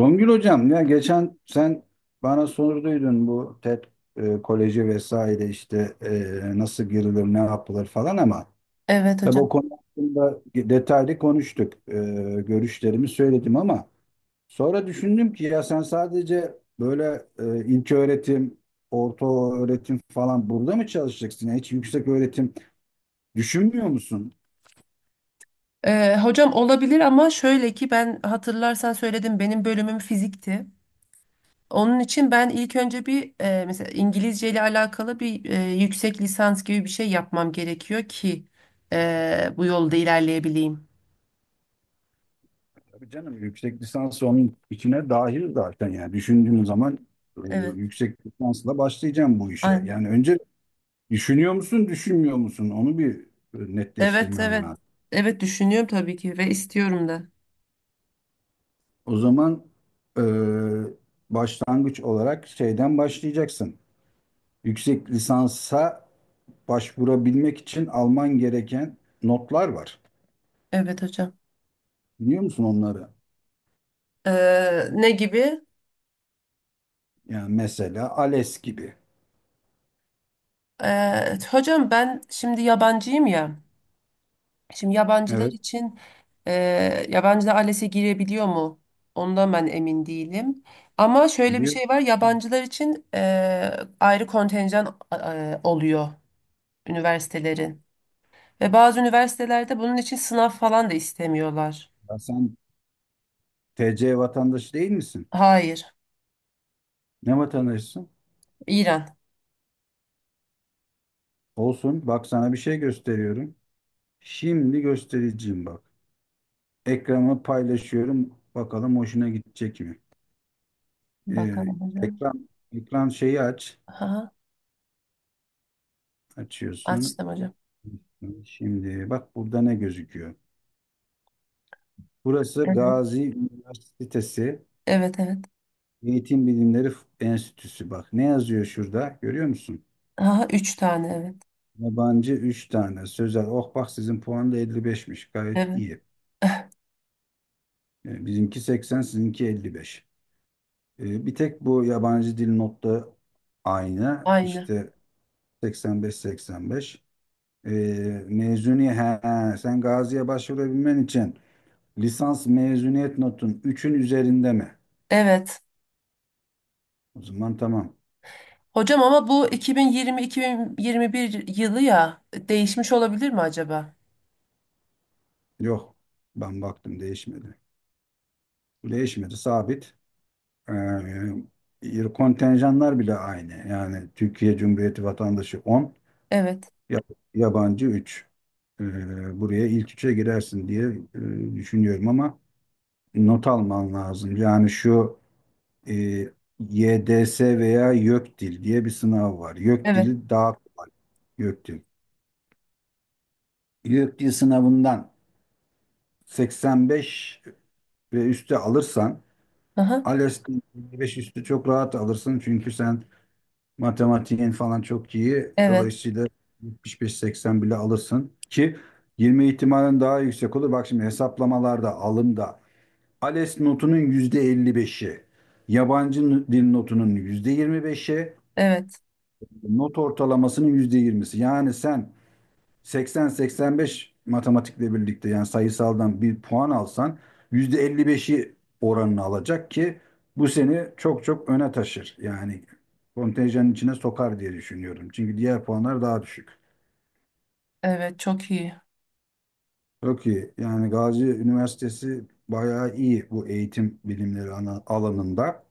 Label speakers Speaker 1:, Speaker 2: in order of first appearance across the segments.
Speaker 1: Songül hocam ya geçen sen bana sorduydun bu TED koleji vesaire işte nasıl girilir ne yapılır falan ama
Speaker 2: Evet
Speaker 1: tabii
Speaker 2: hocam.
Speaker 1: o konu hakkında detaylı konuştuk. Görüşlerimi söyledim ama sonra düşündüm ki ya sen sadece böyle ilköğretim, orta öğretim falan burada mı çalışacaksın? Ya hiç yüksek öğretim düşünmüyor musun?
Speaker 2: Hocam olabilir ama şöyle ki ben hatırlarsan söyledim benim bölümüm fizikti. Onun için ben ilk önce bir mesela İngilizce ile alakalı bir yüksek lisans gibi bir şey yapmam gerekiyor ki bu yolda ilerleyebileyim.
Speaker 1: Tabii canım yüksek lisans onun içine dahil zaten yani düşündüğüm zaman e,
Speaker 2: Evet.
Speaker 1: yüksek lisansla başlayacağım bu işe.
Speaker 2: Aynen.
Speaker 1: Yani önce düşünüyor musun, düşünmüyor musun? Onu bir
Speaker 2: Evet,
Speaker 1: netleştirmen
Speaker 2: evet.
Speaker 1: lazım.
Speaker 2: Evet düşünüyorum tabii ki ve istiyorum da.
Speaker 1: O zaman e, başlangıç olarak şeyden başlayacaksın. Yüksek lisansa başvurabilmek için alman gereken notlar var.
Speaker 2: Evet hocam.
Speaker 1: Biliyor musun onları?
Speaker 2: Ne gibi?
Speaker 1: Yani mesela ALES gibi.
Speaker 2: Hocam ben şimdi yabancıyım ya. Şimdi yabancılar
Speaker 1: Evet,
Speaker 2: için, e, yabancılar ALES'e girebiliyor mu? Ondan ben emin değilim. Ama şöyle bir
Speaker 1: biliyorum.
Speaker 2: şey var. Yabancılar için ayrı kontenjan oluyor üniversitelerin. Ve bazı üniversitelerde bunun için sınav falan da istemiyorlar.
Speaker 1: Ya sen TC vatandaşı değil misin?
Speaker 2: Hayır.
Speaker 1: Ne vatandaşısın?
Speaker 2: İran.
Speaker 1: Olsun. Bak sana bir şey gösteriyorum. Şimdi göstereceğim bak. Ekranı paylaşıyorum. Bakalım hoşuna gidecek mi? Ee,
Speaker 2: Bakalım hocam.
Speaker 1: ekran ekran şeyi aç.
Speaker 2: Ha,
Speaker 1: Açıyorsun.
Speaker 2: açtım hocam.
Speaker 1: Şimdi bak burada ne gözüküyor? Burası
Speaker 2: Evet.
Speaker 1: Gazi Üniversitesi
Speaker 2: Evet, evet.
Speaker 1: Eğitim Bilimleri Enstitüsü. Bak ne yazıyor şurada? Görüyor musun?
Speaker 2: Aha, üç tane evet.
Speaker 1: Yabancı 3 tane. Sözel. Oh, bak sizin puan da 55'miş. Gayet
Speaker 2: Evet.
Speaker 1: iyi. Bizimki 80, sizinki 55. Bir tek bu yabancı dil notta aynı.
Speaker 2: Aynı.
Speaker 1: İşte 85-85. E, mezuni he, he, sen Gazi'ye başvurabilmen için lisans mezuniyet notun üçün üzerinde mi?
Speaker 2: Evet.
Speaker 1: O zaman tamam.
Speaker 2: Hocam ama bu 2020-2021 yılı ya değişmiş olabilir mi acaba?
Speaker 1: Yok. Ben baktım değişmedi. Değişmedi sabit. Kontenjanlar bile aynı. Yani Türkiye Cumhuriyeti vatandaşı 10,
Speaker 2: Evet,
Speaker 1: ya- yabancı 3. E, buraya ilk üçe girersin diye düşünüyorum ama not alman lazım. Yani şu e, YDS veya YÖKDİL diye bir sınav var.
Speaker 2: evet,
Speaker 1: YÖKDİL'i daha kolay. YÖKDİL. YÖKDİL sınavından 85 ve üstü alırsan
Speaker 2: aha,
Speaker 1: ALES'ten 55 üstü çok rahat alırsın. Çünkü sen matematiğin falan çok iyi.
Speaker 2: evet,
Speaker 1: Dolayısıyla 75-80 bile alırsın ki 20 ihtimalin daha yüksek olur. Bak şimdi hesaplamalarda, alımda ALES notunun yüzde elli beşi, yabancı dil notunun yüzde yirmi beşi,
Speaker 2: evet,
Speaker 1: not ortalamasının yüzde yirmisi. Yani sen 80-85 matematikle birlikte yani sayısaldan bir puan alsan yüzde elli beşi oranını alacak ki bu seni çok çok öne taşır. Yani kontenjanın içine sokar diye düşünüyorum. Çünkü diğer puanlar daha düşük.
Speaker 2: evet, çok iyi.
Speaker 1: Çok iyi. Yani Gazi Üniversitesi bayağı iyi bu eğitim bilimleri alanında.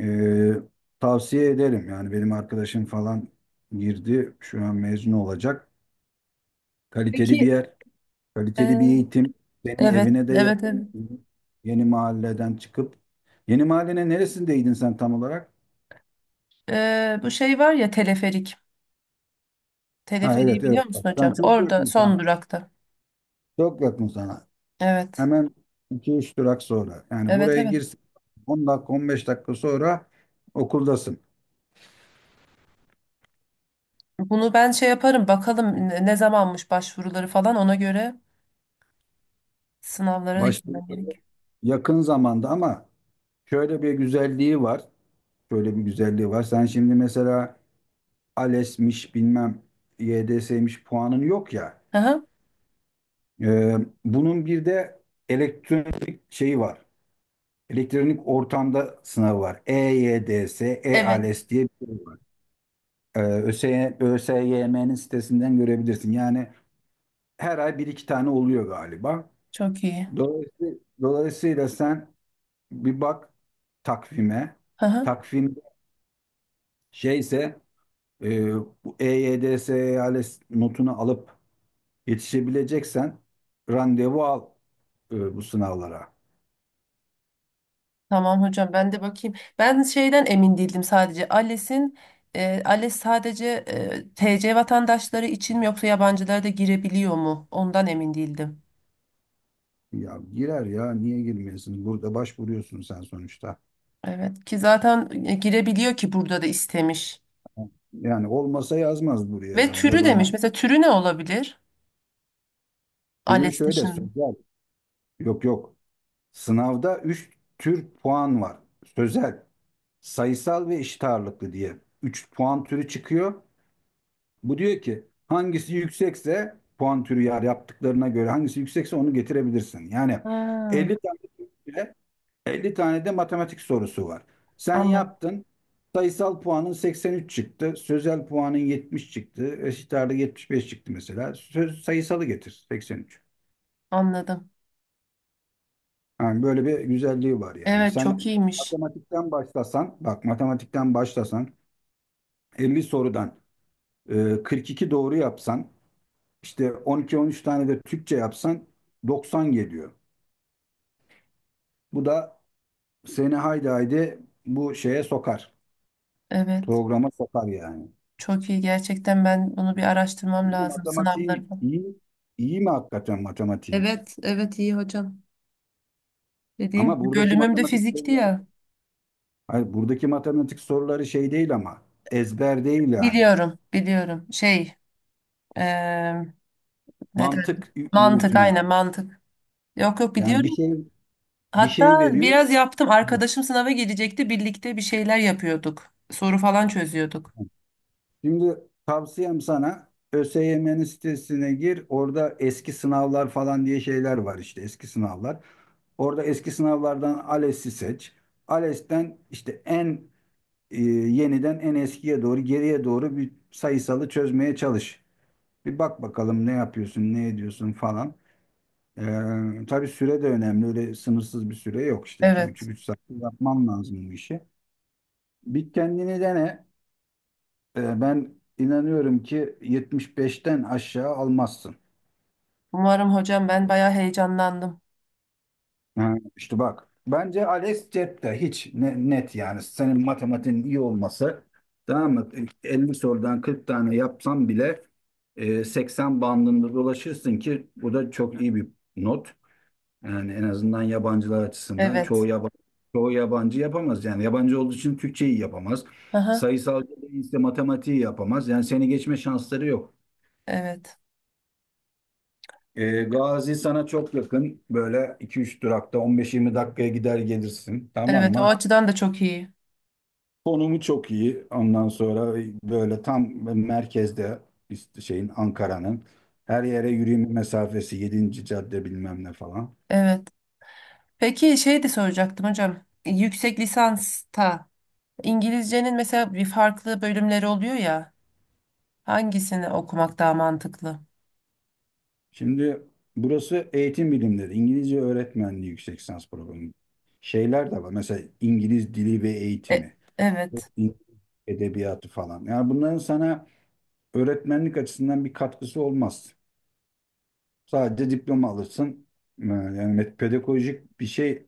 Speaker 1: Ee, tavsiye ederim. Yani benim arkadaşım falan girdi. Şu an mezun olacak. Kaliteli bir
Speaker 2: Peki,
Speaker 1: yer, kaliteli bir
Speaker 2: e,
Speaker 1: eğitim. Senin
Speaker 2: evet,
Speaker 1: evine de
Speaker 2: evet,
Speaker 1: yakın.
Speaker 2: evet.
Speaker 1: Yeni mahalleden çıkıp. Yeni mahallenin neresindeydin sen tam olarak?
Speaker 2: Bu şey var ya, teleferik.
Speaker 1: Ha,
Speaker 2: Teleferiği
Speaker 1: evet,
Speaker 2: biliyor
Speaker 1: evet. Bak,
Speaker 2: musun
Speaker 1: sen
Speaker 2: hocam?
Speaker 1: çok
Speaker 2: Orada
Speaker 1: yakın sana.
Speaker 2: son durakta.
Speaker 1: Çok yakın sana.
Speaker 2: Evet,
Speaker 1: Hemen iki üç durak sonra. Yani
Speaker 2: evet,
Speaker 1: buraya
Speaker 2: evet.
Speaker 1: girsin. 10 dakika 15 dakika sonra okuldasın.
Speaker 2: Bunu ben şey yaparım bakalım ne zamanmış başvuruları, falan ona göre sınavlara da girmem
Speaker 1: Başladığı
Speaker 2: gerek.
Speaker 1: yakın zamanda ama şöyle bir güzelliği var. Böyle bir güzelliği var. Sen şimdi mesela ALES'miş bilmem YDS'miş puanın yok ya.
Speaker 2: Aha,
Speaker 1: Ee, bunun bir de elektronik şeyi var. Elektronik ortamda sınavı var. E-YDS,
Speaker 2: evet,
Speaker 1: E-ALES diye bir şey var. ÖSYM'nin sitesinden görebilirsin. Yani her ay bir iki tane oluyor galiba.
Speaker 2: çok iyi.
Speaker 1: Dolayısıyla, dolayısıyla, sen bir bak takvime.
Speaker 2: Aha.
Speaker 1: Takvimde şeyse e, bu EYDS ALES notunu alıp yetişebileceksen randevu al bu sınavlara.
Speaker 2: Tamam hocam, ben de bakayım. Ben şeyden emin değildim sadece. ALES'in, ALES sadece, TC vatandaşları için mi yoksa yabancılar da girebiliyor mu? Ondan emin değildim.
Speaker 1: Ya girer ya niye girmiyorsun? Burada başvuruyorsun sen sonuçta.
Speaker 2: Evet ki zaten girebiliyor ki burada da istemiş.
Speaker 1: Yani olmasa yazmaz buraya
Speaker 2: Ve
Speaker 1: yani
Speaker 2: türü
Speaker 1: yabancı.
Speaker 2: demiş. Mesela türü ne olabilir?
Speaker 1: Türü
Speaker 2: ALES
Speaker 1: şöyle
Speaker 2: dışında.
Speaker 1: sözel. Yok, yok. Sınavda 3 tür puan var. Sözel, sayısal ve eşit ağırlıklı diye. Üç puan türü çıkıyor. Bu diyor ki hangisi yüksekse puan türü yani yaptıklarına göre hangisi yüksekse onu getirebilirsin. Yani
Speaker 2: Ha,
Speaker 1: 50 tane, 50 tane de matematik sorusu var. Sen
Speaker 2: anladım.
Speaker 1: yaptın. Sayısal puanın 83 çıktı. Sözel puanın 70 çıktı. Eşit ağırlığı 75 çıktı mesela. Sayısalı getir, 83.
Speaker 2: Anladım.
Speaker 1: Yani böyle bir güzelliği var yani.
Speaker 2: Evet, çok
Speaker 1: Sen
Speaker 2: iyiymiş.
Speaker 1: matematikten başlasan, bak matematikten başlasan, 50 sorudan 42 doğru yapsan, işte 12-13 tane de Türkçe yapsan 90 geliyor. Bu da seni haydi haydi bu şeye sokar.
Speaker 2: Evet.
Speaker 1: Programa sokar yani.
Speaker 2: Çok iyi. Gerçekten ben bunu bir araştırmam
Speaker 1: Burada
Speaker 2: lazım. Sınavları
Speaker 1: matematiğin
Speaker 2: falan.
Speaker 1: iyi, iyi mi hakikaten matematiğin?
Speaker 2: Evet, evet iyi hocam. Dediğim
Speaker 1: Ama
Speaker 2: gibi
Speaker 1: buradaki
Speaker 2: bölümüm de
Speaker 1: matematik
Speaker 2: fizikti
Speaker 1: soruları,
Speaker 2: ya.
Speaker 1: hayır, buradaki matematik soruları şey değil ama ezber değil yani.
Speaker 2: Biliyorum, biliyorum. Şey, eee ne derler?
Speaker 1: Mantık
Speaker 2: Mantık,
Speaker 1: yürütme.
Speaker 2: aynen mantık. Yok, yok,
Speaker 1: Yani bir
Speaker 2: biliyorum.
Speaker 1: şey, bir
Speaker 2: Hatta
Speaker 1: şey veriyor.
Speaker 2: biraz yaptım. Arkadaşım sınava gelecekti. Birlikte bir şeyler yapıyorduk. Soru falan çözüyorduk.
Speaker 1: Şimdi tavsiyem sana ÖSYM'nin sitesine gir. Orada eski sınavlar falan diye şeyler var, işte eski sınavlar. Orada eski sınavlardan ALES'i seç. ALES'ten işte en yeniden en eskiye doğru, geriye doğru bir sayısalı çözmeye çalış. Bir bak bakalım ne yapıyorsun, ne ediyorsun falan. Tabii süre de önemli. Öyle sınırsız bir süre yok işte. İki
Speaker 2: Evet.
Speaker 1: buçuk, 3 saat yapman lazım bu işi. Bir kendini dene. Ben inanıyorum ki 75'ten aşağı almazsın.
Speaker 2: Umarım hocam, ben bayağı heyecanlandım.
Speaker 1: Ha, işte bak. Bence Alex Cep'te hiç net yani. Senin matematiğin iyi olması, tamam mı? 50 sorudan 40 tane yapsam bile 80 bandında dolaşırsın ki bu da çok iyi bir not. Yani en azından yabancılar açısından çoğu
Speaker 2: Evet.
Speaker 1: yabancı, çoğu yabancı yapamaz. Yani yabancı olduğu için Türkçeyi yapamaz.
Speaker 2: Aha,
Speaker 1: Sayısal değilse matematiği yapamaz. Yani seni geçme şansları yok.
Speaker 2: evet.
Speaker 1: Gazi sana çok yakın. Böyle 2-3 durakta 15-20 dakikaya gider gelirsin. Tamam
Speaker 2: Evet, o
Speaker 1: mı?
Speaker 2: açıdan da çok iyi.
Speaker 1: Konumu çok iyi. Ondan sonra böyle tam merkezde, işte şeyin Ankara'nın her yere yürüyme mesafesi, yedinci cadde bilmem ne falan.
Speaker 2: Evet. Peki şey de soracaktım hocam. Yüksek lisansta İngilizcenin mesela bir farklı bölümleri oluyor ya. Hangisini okumak daha mantıklı?
Speaker 1: Şimdi burası eğitim bilimleri, İngilizce öğretmenliği yüksek lisans programı. Şeyler de var. Mesela İngiliz dili ve
Speaker 2: E,
Speaker 1: eğitimi,
Speaker 2: Evet.
Speaker 1: İngiliz edebiyatı falan. Yani bunların sana öğretmenlik açısından bir katkısı olmaz. Sadece diploma alırsın. Yani pedagojik bir şey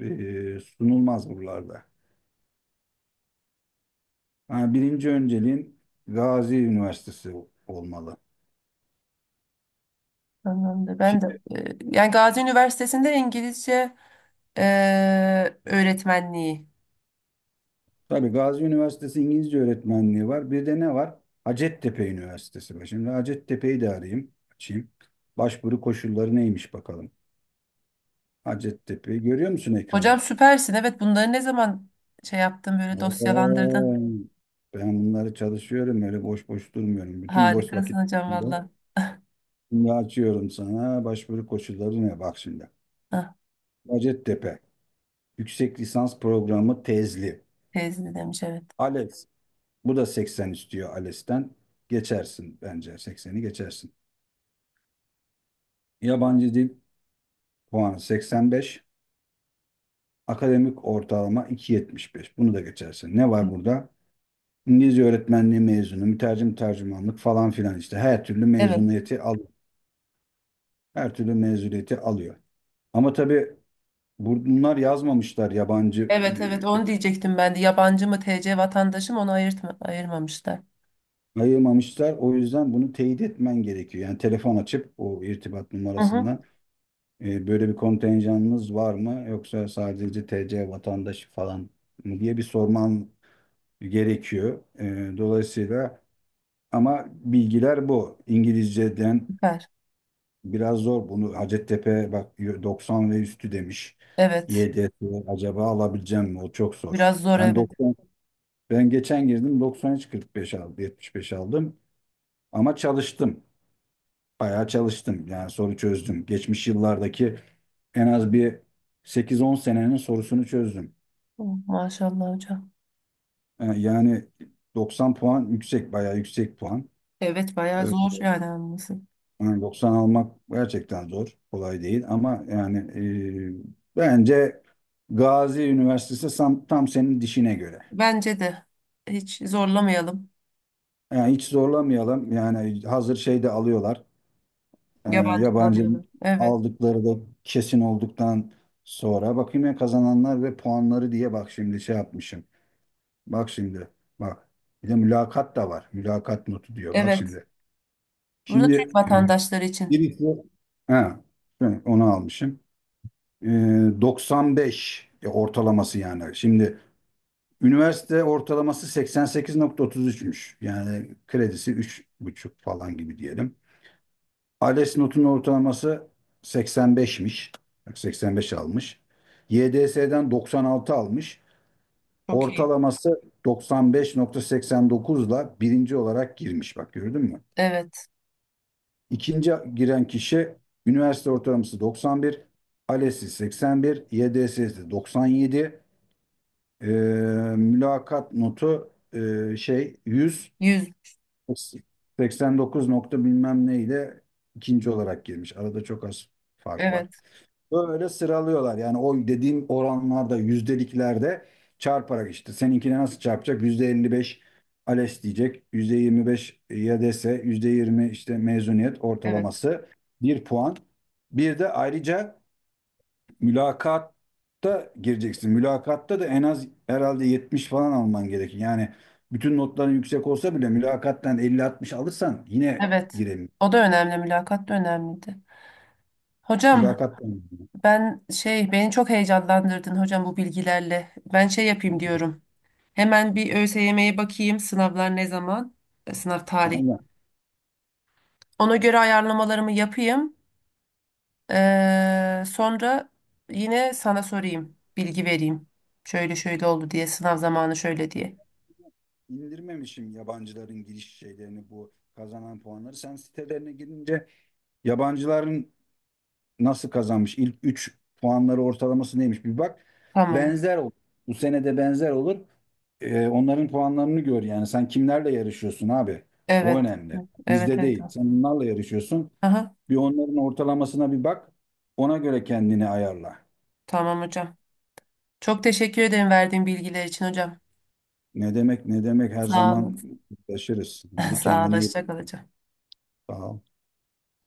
Speaker 1: sunulmaz buralarda. Ha, birinci önceliğin Gazi Üniversitesi olmalı.
Speaker 2: Anlamda. Ben de
Speaker 1: Şimdi
Speaker 2: yani Gazi Üniversitesi'nde İngilizce öğretmenliği.
Speaker 1: tabii Gazi Üniversitesi İngilizce öğretmenliği var. Bir de ne var? Hacettepe Üniversitesi var. Şimdi Hacettepe'yi de arayayım, açayım. Başvuru koşulları neymiş bakalım. Hacettepe'yi görüyor musun,
Speaker 2: Hocam
Speaker 1: ekranı?
Speaker 2: süpersin. Evet bunları ne zaman şey yaptın, böyle
Speaker 1: Oo,
Speaker 2: dosyalandırdın.
Speaker 1: ben bunları çalışıyorum, öyle boş boş durmuyorum. Bütün boş
Speaker 2: Harikasın hocam
Speaker 1: vakitlerimde
Speaker 2: valla.
Speaker 1: şimdi açıyorum sana, başvuru koşulları ne, bak şimdi.
Speaker 2: Ah,
Speaker 1: Hacettepe Yüksek Lisans Programı Tezli.
Speaker 2: teyze demiş evet.
Speaker 1: Alex. Bu da 80 istiyor ALES'ten. Geçersin bence, 80'i geçersin. Yabancı dil puanı 85. Akademik ortalama 2,75. Bunu da geçersin. Ne var burada? İngilizce öğretmenliği mezunu, mütercim tercümanlık falan filan, işte her türlü
Speaker 2: Evet.
Speaker 1: mezuniyeti al, her türlü mezuniyeti alıyor. Ama tabii bunlar yazmamışlar yabancı,
Speaker 2: Evet, evet onu diyecektim ben de. Yabancı mı, TC vatandaşı mı, onu ayırtma, ayırmamışlar.
Speaker 1: ayırmamışlar. O yüzden bunu teyit etmen gerekiyor. Yani telefon açıp o irtibat
Speaker 2: Hı hı.
Speaker 1: numarasından, böyle bir kontenjanınız var mı? Yoksa sadece TC vatandaşı falan mı, diye bir sormam gerekiyor. Dolayısıyla ama bilgiler bu. İngilizceden
Speaker 2: Süper.
Speaker 1: biraz zor. Bunu Hacettepe bak 90 ve üstü demiş.
Speaker 2: Evet.
Speaker 1: YDS acaba alabileceğim mi? O çok zor.
Speaker 2: Biraz zor,
Speaker 1: Ben
Speaker 2: evet.
Speaker 1: 90, ben geçen girdim, 93, 45 aldım, 75 aldım ama çalıştım. Bayağı çalıştım. Yani soru çözdüm. Geçmiş yıllardaki en az bir 8-10 senenin sorusunu çözdüm.
Speaker 2: Oh, Maşallah hocam.
Speaker 1: Yani 90 puan yüksek, bayağı yüksek puan.
Speaker 2: Evet
Speaker 1: E,
Speaker 2: bayağı zor yani anlaması.
Speaker 1: yani 90 almak gerçekten zor, kolay değil, ama yani bence Gazi Üniversitesi tam, tam senin dişine göre.
Speaker 2: Bence de hiç zorlamayalım.
Speaker 1: Yani hiç zorlamayalım. Yani hazır şey de alıyorlar. Ee,
Speaker 2: Yabancı
Speaker 1: yabancı
Speaker 2: alıyorlar. Evet.
Speaker 1: aldıkları da kesin olduktan sonra bakayım. Ya kazananlar ve puanları diye bak şimdi, şey yapmışım. Bak şimdi bak. Bir de mülakat da var. Mülakat notu diyor. Bak
Speaker 2: Evet.
Speaker 1: şimdi.
Speaker 2: Burada Türk
Speaker 1: Şimdi
Speaker 2: vatandaşları için
Speaker 1: birisi, ha, evet, onu almışım. Ee, 95 ortalaması yani. Şimdi üniversite ortalaması 88,33'müş. Yani kredisi üç buçuk falan gibi diyelim. ALES notunun ortalaması 85'miş. Bak, 85 almış. YDS'den 96 almış.
Speaker 2: çok iyi.
Speaker 1: Ortalaması 95,89 ile birinci olarak girmiş. Bak, gördün mü?
Speaker 2: Evet.
Speaker 1: İkinci giren kişi üniversite ortalaması 91, ALES'i 81, YDS'si 97, Ee, mülakat notu şey 100,
Speaker 2: Yüz.
Speaker 1: 89 nokta bilmem ne ile ikinci olarak girmiş. Arada çok az fark var.
Speaker 2: Evet.
Speaker 1: Böyle sıralıyorlar. Yani o dediğim oranlarda, yüzdeliklerde çarparak işte. Seninkine nasıl çarpacak? %55 ALES diyecek. %25 YDS, %20 işte mezuniyet
Speaker 2: Evet.
Speaker 1: ortalaması. Bir puan. Bir de ayrıca mülakatta gireceksin. Mülakatta da en az herhalde 70 falan alman gerekir. Yani bütün notların yüksek olsa bile mülakattan 50-60 alırsan yine
Speaker 2: Evet.
Speaker 1: giremiyorsun.
Speaker 2: O da önemli. Mülakat da önemliydi. Hocam,
Speaker 1: Mülakattan.
Speaker 2: ben şey beni çok heyecanlandırdın hocam bu bilgilerle. Ben şey yapayım diyorum. Hemen bir ÖSYM'ye bakayım. Sınavlar ne zaman? Sınav tarihi.
Speaker 1: Aynen.
Speaker 2: Ona göre ayarlamalarımı yapayım. Sonra yine sana sorayım, bilgi vereyim. Şöyle şöyle oldu diye, sınav zamanı şöyle diye.
Speaker 1: indirmemişim yabancıların giriş şeylerini, bu kazanan puanları. Sen sitelerine girince yabancıların nasıl kazanmış, ilk 3 puanları ortalaması neymiş, bir bak.
Speaker 2: Tamam.
Speaker 1: Benzer olur. Bu sene de benzer olur. Onların puanlarını gör yani. Sen kimlerle yarışıyorsun abi? O
Speaker 2: Evet.
Speaker 1: önemli.
Speaker 2: Evet,
Speaker 1: Bizde
Speaker 2: evet.
Speaker 1: değil. Sen onlarla yarışıyorsun.
Speaker 2: Aha,
Speaker 1: Bir onların ortalamasına bir bak. Ona göre kendini ayarla.
Speaker 2: tamam hocam. Çok teşekkür ederim verdiğin bilgiler için hocam.
Speaker 1: Ne demek, ne demek, her
Speaker 2: Sağ olun.
Speaker 1: zaman taşırız. Hadi
Speaker 2: Sağ olun.
Speaker 1: kendine iyi bak.
Speaker 2: Hoşça kal hocam.
Speaker 1: Sağ ol.